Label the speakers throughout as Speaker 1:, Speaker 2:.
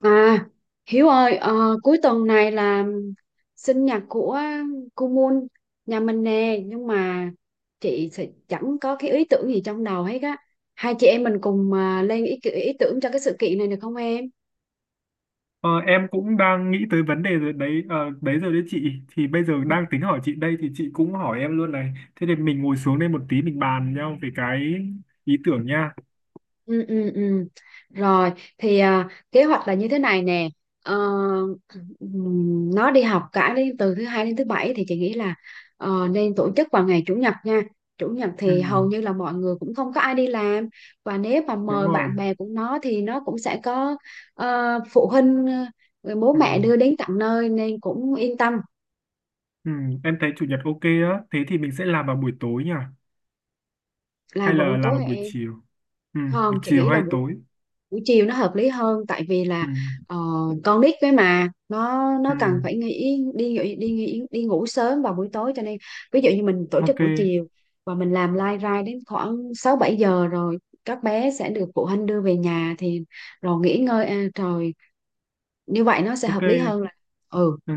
Speaker 1: À, Hiếu ơi, cuối tuần này là sinh nhật của cô Moon nhà mình nè, nhưng mà chị sẽ chẳng có cái ý tưởng gì trong đầu hết á. Hai chị em mình cùng lên ý tưởng cho cái sự kiện này được không em?
Speaker 2: Ờ, em cũng đang nghĩ tới vấn đề rồi đấy ờ, đấy rồi đấy chị Thì bây giờ đang tính hỏi chị đây thì chị cũng hỏi em luôn này. Thế thì mình ngồi xuống đây một tí mình bàn nhau về cái ý tưởng nha.
Speaker 1: Ừ, ừ, ừ. Rồi thì kế hoạch là như thế này nè. Ờ, nó đi học cả đến từ thứ hai đến thứ bảy thì chị nghĩ là nên tổ chức vào ngày chủ nhật nha. Chủ nhật
Speaker 2: ừ,
Speaker 1: thì hầu như là mọi người cũng không có ai đi làm, và nếu mà
Speaker 2: Đúng
Speaker 1: mời
Speaker 2: rồi.
Speaker 1: bạn bè của nó thì nó cũng sẽ có phụ huynh, bố
Speaker 2: ừ,
Speaker 1: mẹ đưa đến tận nơi nên cũng yên tâm.
Speaker 2: ừ, em thấy chủ nhật ok á, thế thì mình sẽ làm vào buổi tối nhỉ, hay
Speaker 1: Làm vào
Speaker 2: là
Speaker 1: buổi
Speaker 2: làm
Speaker 1: tối
Speaker 2: vào
Speaker 1: hả
Speaker 2: buổi
Speaker 1: em?
Speaker 2: chiều? ừ,
Speaker 1: Không, chị
Speaker 2: Chiều
Speaker 1: nghĩ là
Speaker 2: hay
Speaker 1: buổi
Speaker 2: tối?
Speaker 1: buổi chiều nó hợp lý hơn, tại vì
Speaker 2: ừ,
Speaker 1: là ờ, con nít cái mà nó
Speaker 2: ừ,
Speaker 1: nó cần phải đi đi ngủ sớm vào buổi tối, cho nên ví dụ như mình tổ chức
Speaker 2: ok.
Speaker 1: buổi chiều và mình làm live ra đến khoảng 6 7 giờ rồi các bé sẽ được phụ huynh đưa về nhà thì rồi nghỉ ngơi, rồi như vậy nó sẽ
Speaker 2: Ok.
Speaker 1: hợp lý hơn. Là ừ.
Speaker 2: Ừ.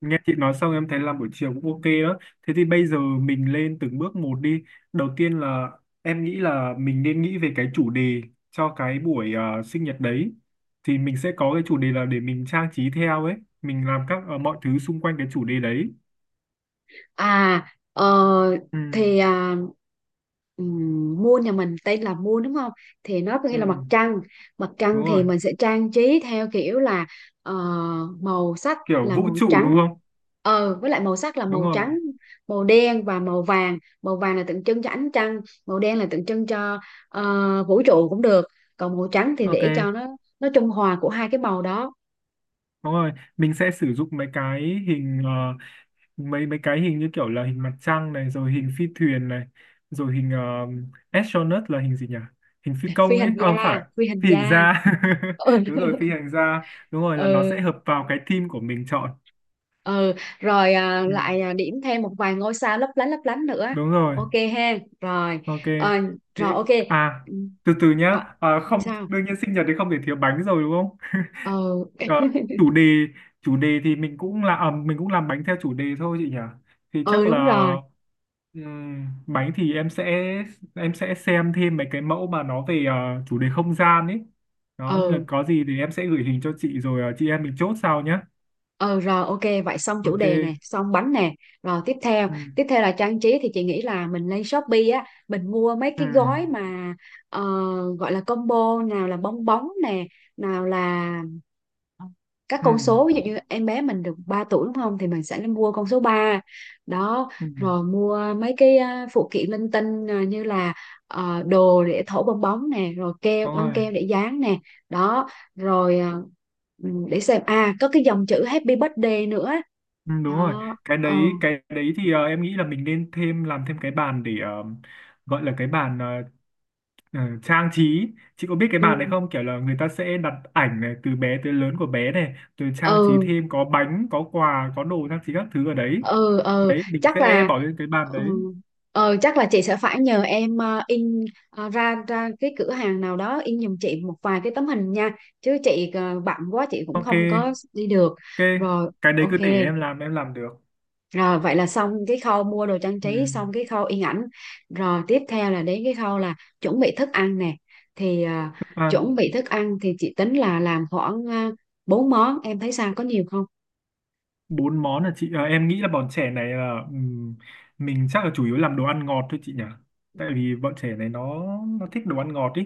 Speaker 2: Nghe chị nói xong em thấy làm buổi chiều cũng ok đó. Thế thì bây giờ mình lên từng bước một đi. Đầu tiên là em nghĩ là mình nên nghĩ về cái chủ đề cho cái buổi sinh nhật đấy. Thì mình sẽ có cái chủ đề là để mình trang trí theo ấy. Mình làm các mọi thứ xung quanh cái chủ đề đấy.
Speaker 1: à ờ,
Speaker 2: Ừ,
Speaker 1: thì à, Moon nhà mình tên là Moon đúng không? Thì nó có nghĩa là mặt
Speaker 2: ừ,
Speaker 1: trăng. Mặt
Speaker 2: Đúng
Speaker 1: trăng thì
Speaker 2: rồi.
Speaker 1: mình sẽ trang trí theo kiểu là ờ, màu sắc
Speaker 2: Kiểu
Speaker 1: là
Speaker 2: vũ
Speaker 1: màu
Speaker 2: trụ đúng
Speaker 1: trắng.
Speaker 2: không?
Speaker 1: Với lại màu sắc là
Speaker 2: Đúng
Speaker 1: màu
Speaker 2: rồi.
Speaker 1: trắng, màu đen và màu vàng. Màu vàng là tượng trưng cho ánh trăng, màu đen là tượng trưng cho vũ trụ cũng được, còn màu trắng thì
Speaker 2: Ok.
Speaker 1: để cho nó trung hòa của hai cái màu đó.
Speaker 2: Đúng rồi, mình sẽ sử dụng mấy cái hình mấy mấy cái hình như kiểu là hình mặt trăng này, rồi hình phi thuyền này, rồi hình astronaut là hình gì nhỉ? Hình phi
Speaker 1: phi
Speaker 2: công ấy,
Speaker 1: hành
Speaker 2: à, không
Speaker 1: gia
Speaker 2: phải,
Speaker 1: phi hành
Speaker 2: phi hành
Speaker 1: gia
Speaker 2: gia.
Speaker 1: Ừ.
Speaker 2: Đúng rồi, phi hành gia. Đúng rồi, là nó sẽ
Speaker 1: ừ
Speaker 2: hợp vào cái team của mình chọn.
Speaker 1: ừ. Rồi
Speaker 2: Ừ,
Speaker 1: điểm thêm một vài ngôi sao lấp lánh nữa.
Speaker 2: đúng rồi.
Speaker 1: Ok ha. Rồi.
Speaker 2: Ok.
Speaker 1: Ờ,
Speaker 2: Thế
Speaker 1: rồi ok.
Speaker 2: à,
Speaker 1: Ừ,
Speaker 2: từ từ
Speaker 1: rồi,
Speaker 2: nhá. À, không,
Speaker 1: sao?
Speaker 2: đương nhiên sinh nhật thì không thể thiếu bánh rồi đúng không?
Speaker 1: Ừ.
Speaker 2: Ờ, chủ đề chủ đề thì mình cũng là à, mình cũng làm bánh theo chủ đề thôi chị nhỉ. Thì
Speaker 1: Ừ,
Speaker 2: chắc là
Speaker 1: đúng rồi.
Speaker 2: bánh thì em sẽ xem thêm mấy cái mẫu mà nó về chủ đề không gian ấy. Đó nên là
Speaker 1: Ừ.
Speaker 2: có gì thì em sẽ gửi hình cho chị rồi chị em mình chốt sau nhá.
Speaker 1: Ừ rồi ok, vậy xong chủ đề nè,
Speaker 2: Ok.
Speaker 1: xong bánh nè, rồi tiếp theo.
Speaker 2: Ừ.
Speaker 1: Tiếp theo là trang trí thì chị nghĩ là mình lên Shopee á, mình mua mấy
Speaker 2: Ừ.
Speaker 1: cái gói mà ờ, gọi là combo, nào là bong bóng nè, nào là các
Speaker 2: Ừ.
Speaker 1: con số, ví dụ như em bé mình được 3 tuổi đúng không, thì mình sẽ nên mua con số 3 đó.
Speaker 2: Ừ.
Speaker 1: Rồi mua mấy cái phụ kiện linh tinh, như là đồ để thổi bong bóng nè, rồi keo,
Speaker 2: Đúng
Speaker 1: băng
Speaker 2: rồi.
Speaker 1: keo để dán nè, đó. Rồi ừ, để xem, có cái dòng chữ Happy Birthday nữa,
Speaker 2: Ừ, đúng rồi,
Speaker 1: đó.
Speaker 2: cái
Speaker 1: Ừ.
Speaker 2: đấy cái đấy thì em nghĩ là mình nên thêm làm thêm cái bàn để gọi là cái bàn trang trí. Chị có biết cái
Speaker 1: Ừ.
Speaker 2: bàn này không, kiểu là người ta sẽ đặt ảnh này từ bé tới lớn của bé này rồi trang trí
Speaker 1: Ừ.
Speaker 2: thêm có bánh có quà có đồ trang trí các thứ ở đấy,
Speaker 1: Ừ. Ừ.
Speaker 2: đấy mình
Speaker 1: Chắc
Speaker 2: sẽ
Speaker 1: là
Speaker 2: bỏ lên cái bàn
Speaker 1: ừ,
Speaker 2: đấy.
Speaker 1: chắc là chị sẽ phải nhờ em in ờ, ra ra cái cửa hàng nào đó in giùm chị một vài cái tấm hình nha, chứ chị bận quá chị cũng
Speaker 2: Ok.
Speaker 1: không có đi được.
Speaker 2: Ok,
Speaker 1: Rồi
Speaker 2: cái đấy
Speaker 1: ok.
Speaker 2: cứ để em làm, em làm được.
Speaker 1: Rồi vậy là xong cái khâu mua đồ trang
Speaker 2: Ừ.
Speaker 1: trí, xong cái khâu in ảnh. Rồi tiếp theo là đến cái khâu là chuẩn bị thức ăn nè. Thì
Speaker 2: Thức ăn.
Speaker 1: chuẩn bị thức ăn thì chị tính là làm khoảng uh, 4 món, em thấy sao, có nhiều không?
Speaker 2: Bốn món là chị em nghĩ là bọn trẻ này là mình chắc là chủ yếu làm đồ ăn ngọt thôi chị nhỉ, tại vì bọn trẻ này nó thích đồ ăn ngọt ý.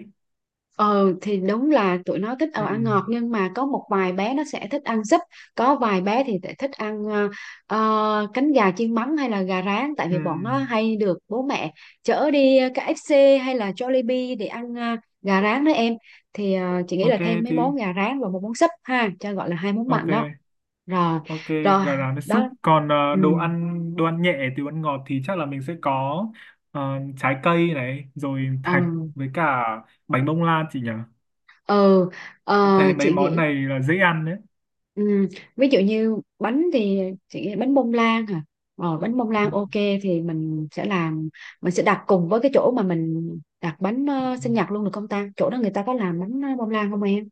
Speaker 1: Ừ thì đúng là tụi nó thích ăn
Speaker 2: Ừm,
Speaker 1: ngọt, nhưng mà có một vài bé nó sẽ thích ăn súp, có vài bé thì lại thích ăn cánh gà chiên mắm hay là gà rán, tại vì bọn nó
Speaker 2: ừm.
Speaker 1: hay được bố mẹ chở đi KFC hay là Jollibee để ăn gà rán đó em. Thì chị nghĩ là
Speaker 2: Ok
Speaker 1: thêm mấy
Speaker 2: thì
Speaker 1: món gà rán và một món súp ha, cho gọi là hai món mặn
Speaker 2: ok.
Speaker 1: đó. Rồi.
Speaker 2: Ok,
Speaker 1: Rồi
Speaker 2: gà rán với súp,
Speaker 1: đó.
Speaker 2: còn
Speaker 1: Ừ.
Speaker 2: đồ ăn nhẹ từ ăn ngọt thì chắc là mình sẽ có ờ, trái cây này, rồi thạch,
Speaker 1: Ừ,
Speaker 2: với cả bánh bông lan chị nhỉ.
Speaker 1: ừ.
Speaker 2: Em
Speaker 1: Ờ,
Speaker 2: thấy mấy
Speaker 1: chị
Speaker 2: món
Speaker 1: nghĩ.
Speaker 2: này là dễ ăn đấy.
Speaker 1: Ừ. Ví dụ như bánh thì chị nghĩ bánh bông lan hả? Ờ, bánh bông lan ok, thì mình sẽ làm, mình sẽ đặt cùng với cái chỗ mà mình đặt bánh sinh nhật luôn được không ta? Chỗ đó người ta có làm bánh bông lan không em?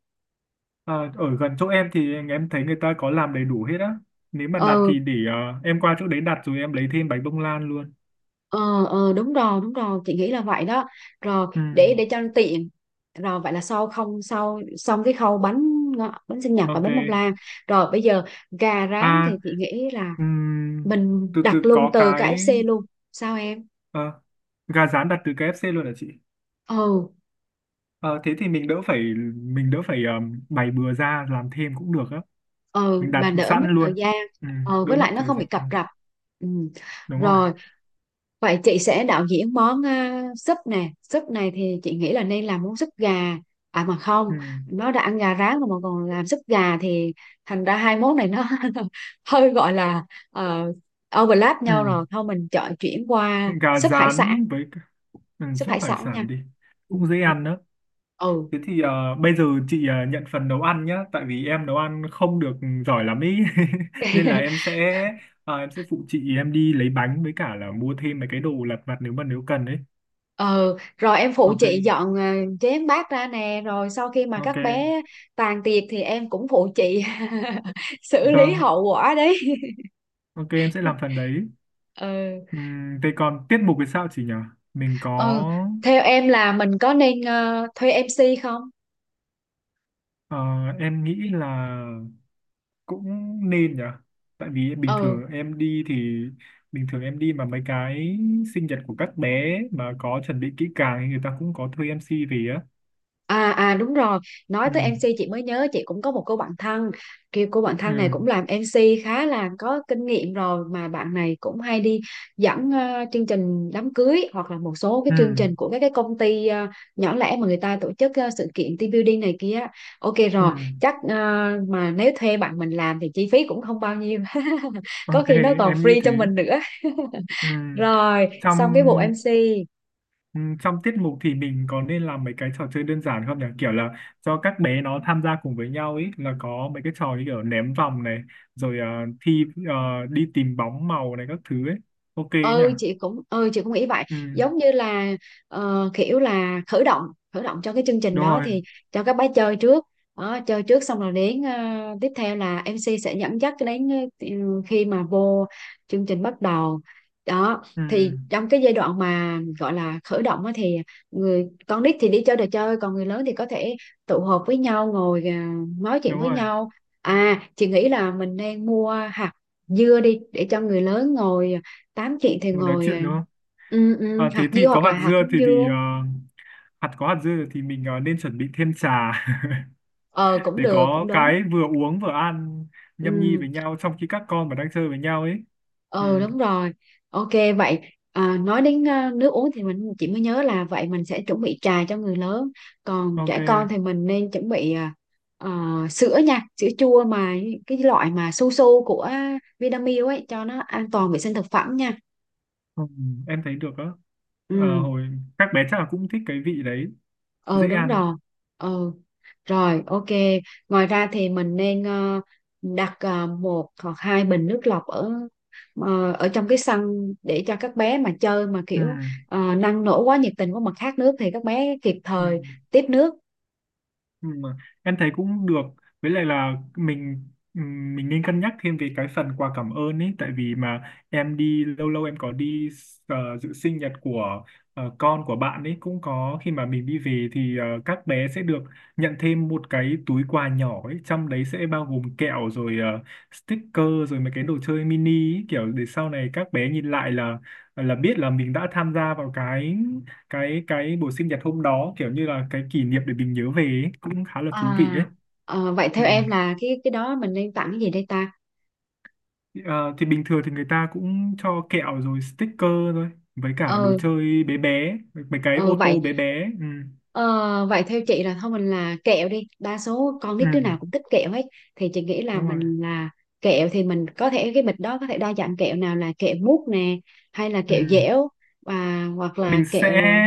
Speaker 2: Ờ, ở gần chỗ em thì em thấy người ta có làm đầy đủ hết á. Nếu mà đặt
Speaker 1: Ừ,
Speaker 2: thì để em qua chỗ đấy đặt rồi em lấy thêm bánh bông lan luôn.
Speaker 1: ờ ờ đúng rồi, chị nghĩ là vậy đó. Rồi
Speaker 2: Ừ,
Speaker 1: để cho nó tiện. Rồi vậy là sau không sau xong cái khâu bánh sinh nhật và
Speaker 2: ok.
Speaker 1: bánh bông lan. Rồi bây giờ gà rán thì
Speaker 2: À,
Speaker 1: chị nghĩ là
Speaker 2: ừm,
Speaker 1: mình
Speaker 2: từ
Speaker 1: đặt
Speaker 2: từ
Speaker 1: luôn
Speaker 2: có
Speaker 1: từ
Speaker 2: cái
Speaker 1: KFC luôn. Sao em?
Speaker 2: ờ, gà rán đặt từ KFC luôn hả chị?
Speaker 1: Ừ.
Speaker 2: Ờ, thế thì mình đỡ phải bày bừa ra làm thêm cũng được á.
Speaker 1: Ờ
Speaker 2: Mình
Speaker 1: mà
Speaker 2: đặt
Speaker 1: đỡ mất
Speaker 2: sẵn luôn.
Speaker 1: thời gian,
Speaker 2: Ừ,
Speaker 1: ờ
Speaker 2: đỡ
Speaker 1: với
Speaker 2: mất
Speaker 1: lại nó
Speaker 2: thời
Speaker 1: không bị
Speaker 2: gian.
Speaker 1: cập rập. Ừ.
Speaker 2: Đúng rồi.
Speaker 1: Rồi vậy chị sẽ đạo diễn món súp nè. Súp này thì chị nghĩ là nên làm món súp gà. À mà không,
Speaker 2: Ừ,
Speaker 1: nó đã ăn gà rán rồi mà còn làm súp gà thì thành ra hai món này nó hơi gọi là ờ, overlap
Speaker 2: ừ.
Speaker 1: nhau, rồi thôi mình chọn chuyển qua
Speaker 2: Gà
Speaker 1: súp hải sản.
Speaker 2: rán với cả- ừ,
Speaker 1: Súp
Speaker 2: súp
Speaker 1: hải
Speaker 2: hải
Speaker 1: sản nha.
Speaker 2: sản đi.
Speaker 1: Ừ.
Speaker 2: Cũng dễ ăn đó.
Speaker 1: Ừ.
Speaker 2: Thế thì bây giờ chị nhận phần nấu ăn nhá, tại vì em nấu ăn không được giỏi lắm ý,
Speaker 1: Ừ.
Speaker 2: nên là em sẽ em sẽ phụ chị, em đi lấy bánh với cả là mua thêm mấy cái đồ lặt vặt nếu mà nếu cần ấy.
Speaker 1: Ừ, rồi em phụ
Speaker 2: Ok,
Speaker 1: chị dọn chén bát ra nè, rồi sau khi mà các
Speaker 2: ok,
Speaker 1: bé tàn tiệc thì em cũng phụ chị xử lý
Speaker 2: vâng,
Speaker 1: hậu quả đấy.
Speaker 2: ok em sẽ làm phần đấy.
Speaker 1: Ừ,
Speaker 2: Thế còn tiết mục thì sao chị nhỉ? Mình có,
Speaker 1: ừ, theo em là mình có nên thuê MC không?
Speaker 2: ờ, em nghĩ là cũng nên nhở, tại vì bình
Speaker 1: Ừ.
Speaker 2: thường em đi thì bình thường em đi mà mấy cái sinh nhật của các bé mà có chuẩn bị kỹ càng thì người ta cũng có thuê MC về á.
Speaker 1: À à đúng rồi, nói
Speaker 2: Ừ.
Speaker 1: tới MC chị mới nhớ, chị cũng có một cô bạn thân, kiểu cô bạn
Speaker 2: Ừ.
Speaker 1: thân này cũng làm MC khá là có kinh nghiệm rồi, mà bạn này cũng hay đi dẫn chương trình đám cưới hoặc là một số cái
Speaker 2: Ừ.
Speaker 1: chương trình của các cái công ty nhỏ lẻ mà người ta tổ chức sự kiện team building này kia. Ok
Speaker 2: Ừ.
Speaker 1: rồi, chắc mà nếu thuê bạn mình làm thì chi phí cũng không bao nhiêu. Có
Speaker 2: Ok,
Speaker 1: khi nó còn
Speaker 2: em nghĩ
Speaker 1: free
Speaker 2: thế.
Speaker 1: cho mình nữa.
Speaker 2: Ừ,
Speaker 1: Rồi,
Speaker 2: trong
Speaker 1: xong cái bộ MC.
Speaker 2: ừ, trong tiết mục thì mình có nên làm mấy cái trò chơi đơn giản không nhỉ, kiểu là cho các bé nó tham gia cùng với nhau ấy, là có mấy cái trò như kiểu ném vòng này, rồi thi đi tìm bóng màu này các thứ ấy, ok ấy nhỉ?
Speaker 1: Ừ chị cũng chị cũng nghĩ vậy,
Speaker 2: Ừ,
Speaker 1: giống như là kiểu là khởi động cho cái chương trình
Speaker 2: đúng
Speaker 1: đó,
Speaker 2: rồi.
Speaker 1: thì cho các bé chơi trước đó, chơi trước xong rồi đến tiếp theo là MC sẽ dẫn dắt đến ờ, khi mà vô chương trình bắt đầu đó,
Speaker 2: Ừ,
Speaker 1: thì trong cái giai đoạn mà gọi là khởi động á thì người con nít thì đi chơi đồ chơi, còn người lớn thì có thể tụ họp với nhau ngồi nói chuyện
Speaker 2: đúng
Speaker 1: với
Speaker 2: rồi,
Speaker 1: nhau. À chị nghĩ là mình nên mua hạt dưa đi để cho người lớn ngồi tám, chị thì
Speaker 2: một nói
Speaker 1: ngồi
Speaker 2: chuyện đúng không?
Speaker 1: ừ, ừ,
Speaker 2: À, thế
Speaker 1: hạt
Speaker 2: thì
Speaker 1: dưa
Speaker 2: có
Speaker 1: hoặc là
Speaker 2: hạt
Speaker 1: hạt
Speaker 2: dưa
Speaker 1: hướng
Speaker 2: thì
Speaker 1: dương.
Speaker 2: hạt có hạt dưa thì mình nên chuẩn bị thêm trà
Speaker 1: Ờ cũng
Speaker 2: để
Speaker 1: được, cũng
Speaker 2: có
Speaker 1: đúng.
Speaker 2: cái vừa uống vừa ăn nhâm nhi
Speaker 1: Ừ,
Speaker 2: với nhau trong khi các con mà đang chơi với nhau ấy. Ừ,
Speaker 1: ờ đúng rồi. Ok vậy. Nói đến nước uống thì chị mới nhớ là vậy mình sẽ chuẩn bị trà cho người lớn, còn
Speaker 2: ok,
Speaker 1: trẻ con thì mình nên chuẩn bị ờ, sữa nha, sữa chua mà cái loại mà su su của Vinamilk ấy, cho nó an toàn vệ sinh thực phẩm nha.
Speaker 2: ừ, em thấy được á. Ờ,
Speaker 1: Ừ.
Speaker 2: hồi các bé chắc là cũng thích cái vị đấy,
Speaker 1: Ờ
Speaker 2: dễ
Speaker 1: đúng
Speaker 2: ăn.
Speaker 1: rồi. Ờ. Rồi, ok. Ngoài ra thì mình nên đặt một hoặc hai bình nước lọc ở ở trong cái sân để cho các bé mà chơi mà
Speaker 2: Ừ,
Speaker 1: kiểu năng nổ quá, nhiệt tình quá mà khát nước thì các bé kịp
Speaker 2: ừ.
Speaker 1: thời tiếp nước.
Speaker 2: Ừ, mà em thấy cũng được, với lại là mình nên cân nhắc thêm về cái phần quà cảm ơn ấy, tại vì mà em đi lâu lâu em có đi dự sinh nhật của con của bạn ấy, cũng có khi mà mình đi về thì các bé sẽ được nhận thêm một cái túi quà nhỏ ấy, trong đấy sẽ bao gồm kẹo rồi sticker rồi mấy cái đồ chơi mini ấy, kiểu để sau này các bé nhìn lại là biết là mình đã tham gia vào cái cái buổi sinh nhật hôm đó, kiểu như là cái kỷ niệm để mình nhớ về ấy, cũng khá là thú vị ấy.
Speaker 1: À, vậy
Speaker 2: Ừ.
Speaker 1: theo em là cái đó mình nên tặng cái gì đây ta?
Speaker 2: Ờ, thì bình thường thì người ta cũng cho kẹo rồi sticker thôi, với cả đồ
Speaker 1: Ờ.
Speaker 2: chơi bé bé, mấy cái
Speaker 1: Ờ
Speaker 2: ô
Speaker 1: vậy.
Speaker 2: tô bé bé. Ừ.
Speaker 1: Ờ, vậy theo chị là thôi mình là kẹo đi, đa số con
Speaker 2: Ừ.
Speaker 1: nít đứa nào cũng thích kẹo hết, thì chị nghĩ là
Speaker 2: Đúng rồi.
Speaker 1: mình là kẹo, thì mình có thể cái bịch đó có thể đa dạng kẹo, nào là kẹo mút nè, hay là
Speaker 2: Ừ.
Speaker 1: kẹo dẻo, và hoặc là
Speaker 2: Mình sẽ
Speaker 1: kẹo.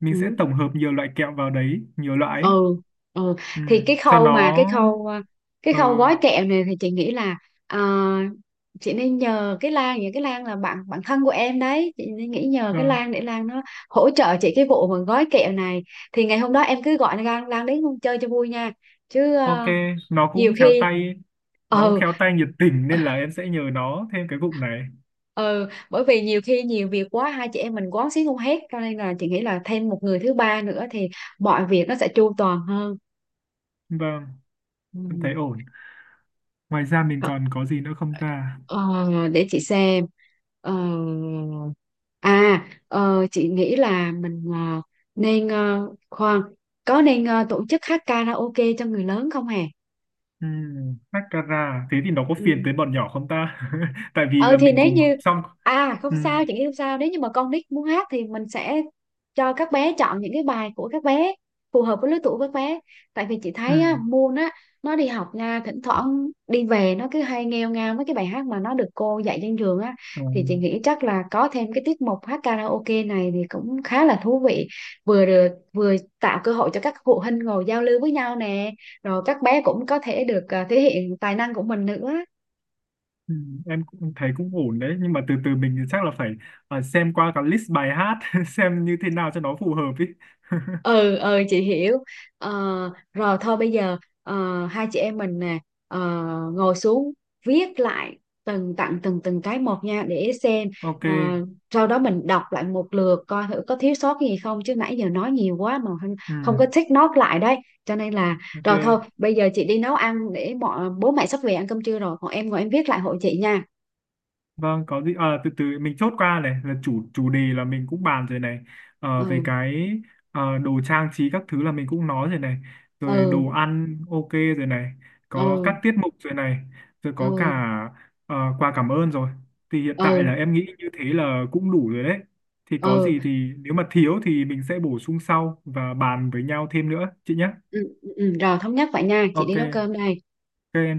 Speaker 2: mình sẽ
Speaker 1: Ừ.
Speaker 2: tổng hợp nhiều loại kẹo vào đấy, nhiều loại ấy.
Speaker 1: Ừ. Ừ
Speaker 2: Ừ.
Speaker 1: thì
Speaker 2: Cho
Speaker 1: cái
Speaker 2: nó
Speaker 1: khâu cái
Speaker 2: ừ.
Speaker 1: khâu gói kẹo này thì chị nghĩ là à, chị nên nhờ cái Lan, cái Lan là bạn bạn thân của em đấy, chị nên nghĩ nhờ cái
Speaker 2: Vâng,
Speaker 1: Lan để Lan nó hỗ trợ chị cái vụ mà gói kẹo này. Thì ngày hôm đó em cứ gọi Lan, Lan đến chơi cho vui nha, chứ
Speaker 2: ok, nó
Speaker 1: nhiều
Speaker 2: cũng khéo
Speaker 1: khi
Speaker 2: tay, nó cũng
Speaker 1: ừ.
Speaker 2: khéo tay nhiệt tình nên là em sẽ nhờ nó thêm cái vụ này.
Speaker 1: Ừ, bởi vì nhiều khi nhiều việc quá, hai chị em mình quán xuyến không hết, cho nên là chị nghĩ là thêm một người thứ ba nữa thì mọi việc nó sẽ chu toàn hơn.
Speaker 2: Vâng, em thấy
Speaker 1: Ừ.
Speaker 2: ổn. Ngoài ra mình
Speaker 1: Ờ.
Speaker 2: còn có gì nữa không ta?
Speaker 1: Ờ, để chị xem. Ờ, chị nghĩ là mình nên khoan, có nên tổ chức hát karaoke cho người lớn không hè?
Speaker 2: Mascara. Thế thì nó có
Speaker 1: Ừ.
Speaker 2: phiền tới bọn nhỏ không ta? Tại vì
Speaker 1: Ờ
Speaker 2: là
Speaker 1: thì
Speaker 2: mình
Speaker 1: nếu
Speaker 2: cùng
Speaker 1: như
Speaker 2: xong.
Speaker 1: à không
Speaker 2: Ừm,
Speaker 1: sao, chị nghĩ không sao, nếu như mà con nít muốn hát thì mình sẽ cho các bé chọn những cái bài của các bé phù hợp với lứa tuổi của các bé. Tại vì chị thấy á,
Speaker 2: ừm,
Speaker 1: Moon á nó đi học nha, thỉnh thoảng đi về nó cứ hay nghêu ngao mấy cái bài hát mà nó được cô dạy trên trường á. Thì chị
Speaker 2: ừm,
Speaker 1: nghĩ chắc là có thêm cái tiết mục hát karaoke này thì cũng khá là thú vị, vừa được vừa tạo cơ hội cho các phụ huynh ngồi giao lưu với nhau nè, rồi các bé cũng có thể được thể hiện tài năng của mình nữa.
Speaker 2: Em cũng thấy cũng ổn đấy. Nhưng mà từ từ mình chắc là phải xem qua cả list bài hát. Xem như thế nào cho nó phù hợp ý.
Speaker 1: Ừ ừ chị hiểu. Ờ, rồi thôi bây giờ hai chị em mình nè ờ, ngồi xuống viết lại từng từng cái một nha để xem.
Speaker 2: Ok.
Speaker 1: Ờ, sau đó mình đọc lại một lượt coi thử có thiếu sót gì không, chứ nãy giờ nói nhiều quá mà không có
Speaker 2: Ừm,
Speaker 1: take note lại đấy cho nên là.
Speaker 2: ok.
Speaker 1: Rồi thôi bây giờ chị đi nấu ăn để bọn bố mẹ sắp về ăn cơm trưa rồi, còn em ngồi em viết lại hộ chị nha.
Speaker 2: Vâng, có gì à, từ từ mình chốt qua này là chủ chủ đề là mình cũng bàn rồi này. Ờ, về
Speaker 1: Ừ.
Speaker 2: cái đồ trang trí các thứ là mình cũng nói rồi này, rồi
Speaker 1: Ừ.
Speaker 2: đồ ăn ok rồi này, có các
Speaker 1: Ừ.
Speaker 2: tiết mục rồi này, rồi
Speaker 1: Ừ.
Speaker 2: có cả
Speaker 1: Ừ.
Speaker 2: quà cảm ơn rồi, thì hiện tại là
Speaker 1: Ừ.
Speaker 2: em nghĩ như thế là cũng đủ rồi đấy, thì có
Speaker 1: Ừ, ừ.
Speaker 2: gì thì nếu mà thiếu thì mình sẽ bổ sung sau và bàn với nhau thêm nữa chị nhé.
Speaker 1: Ừ, ừ, rồi thống nhất vậy nha, chị đi
Speaker 2: Ok.
Speaker 1: nấu cơm đây.
Speaker 2: Ok.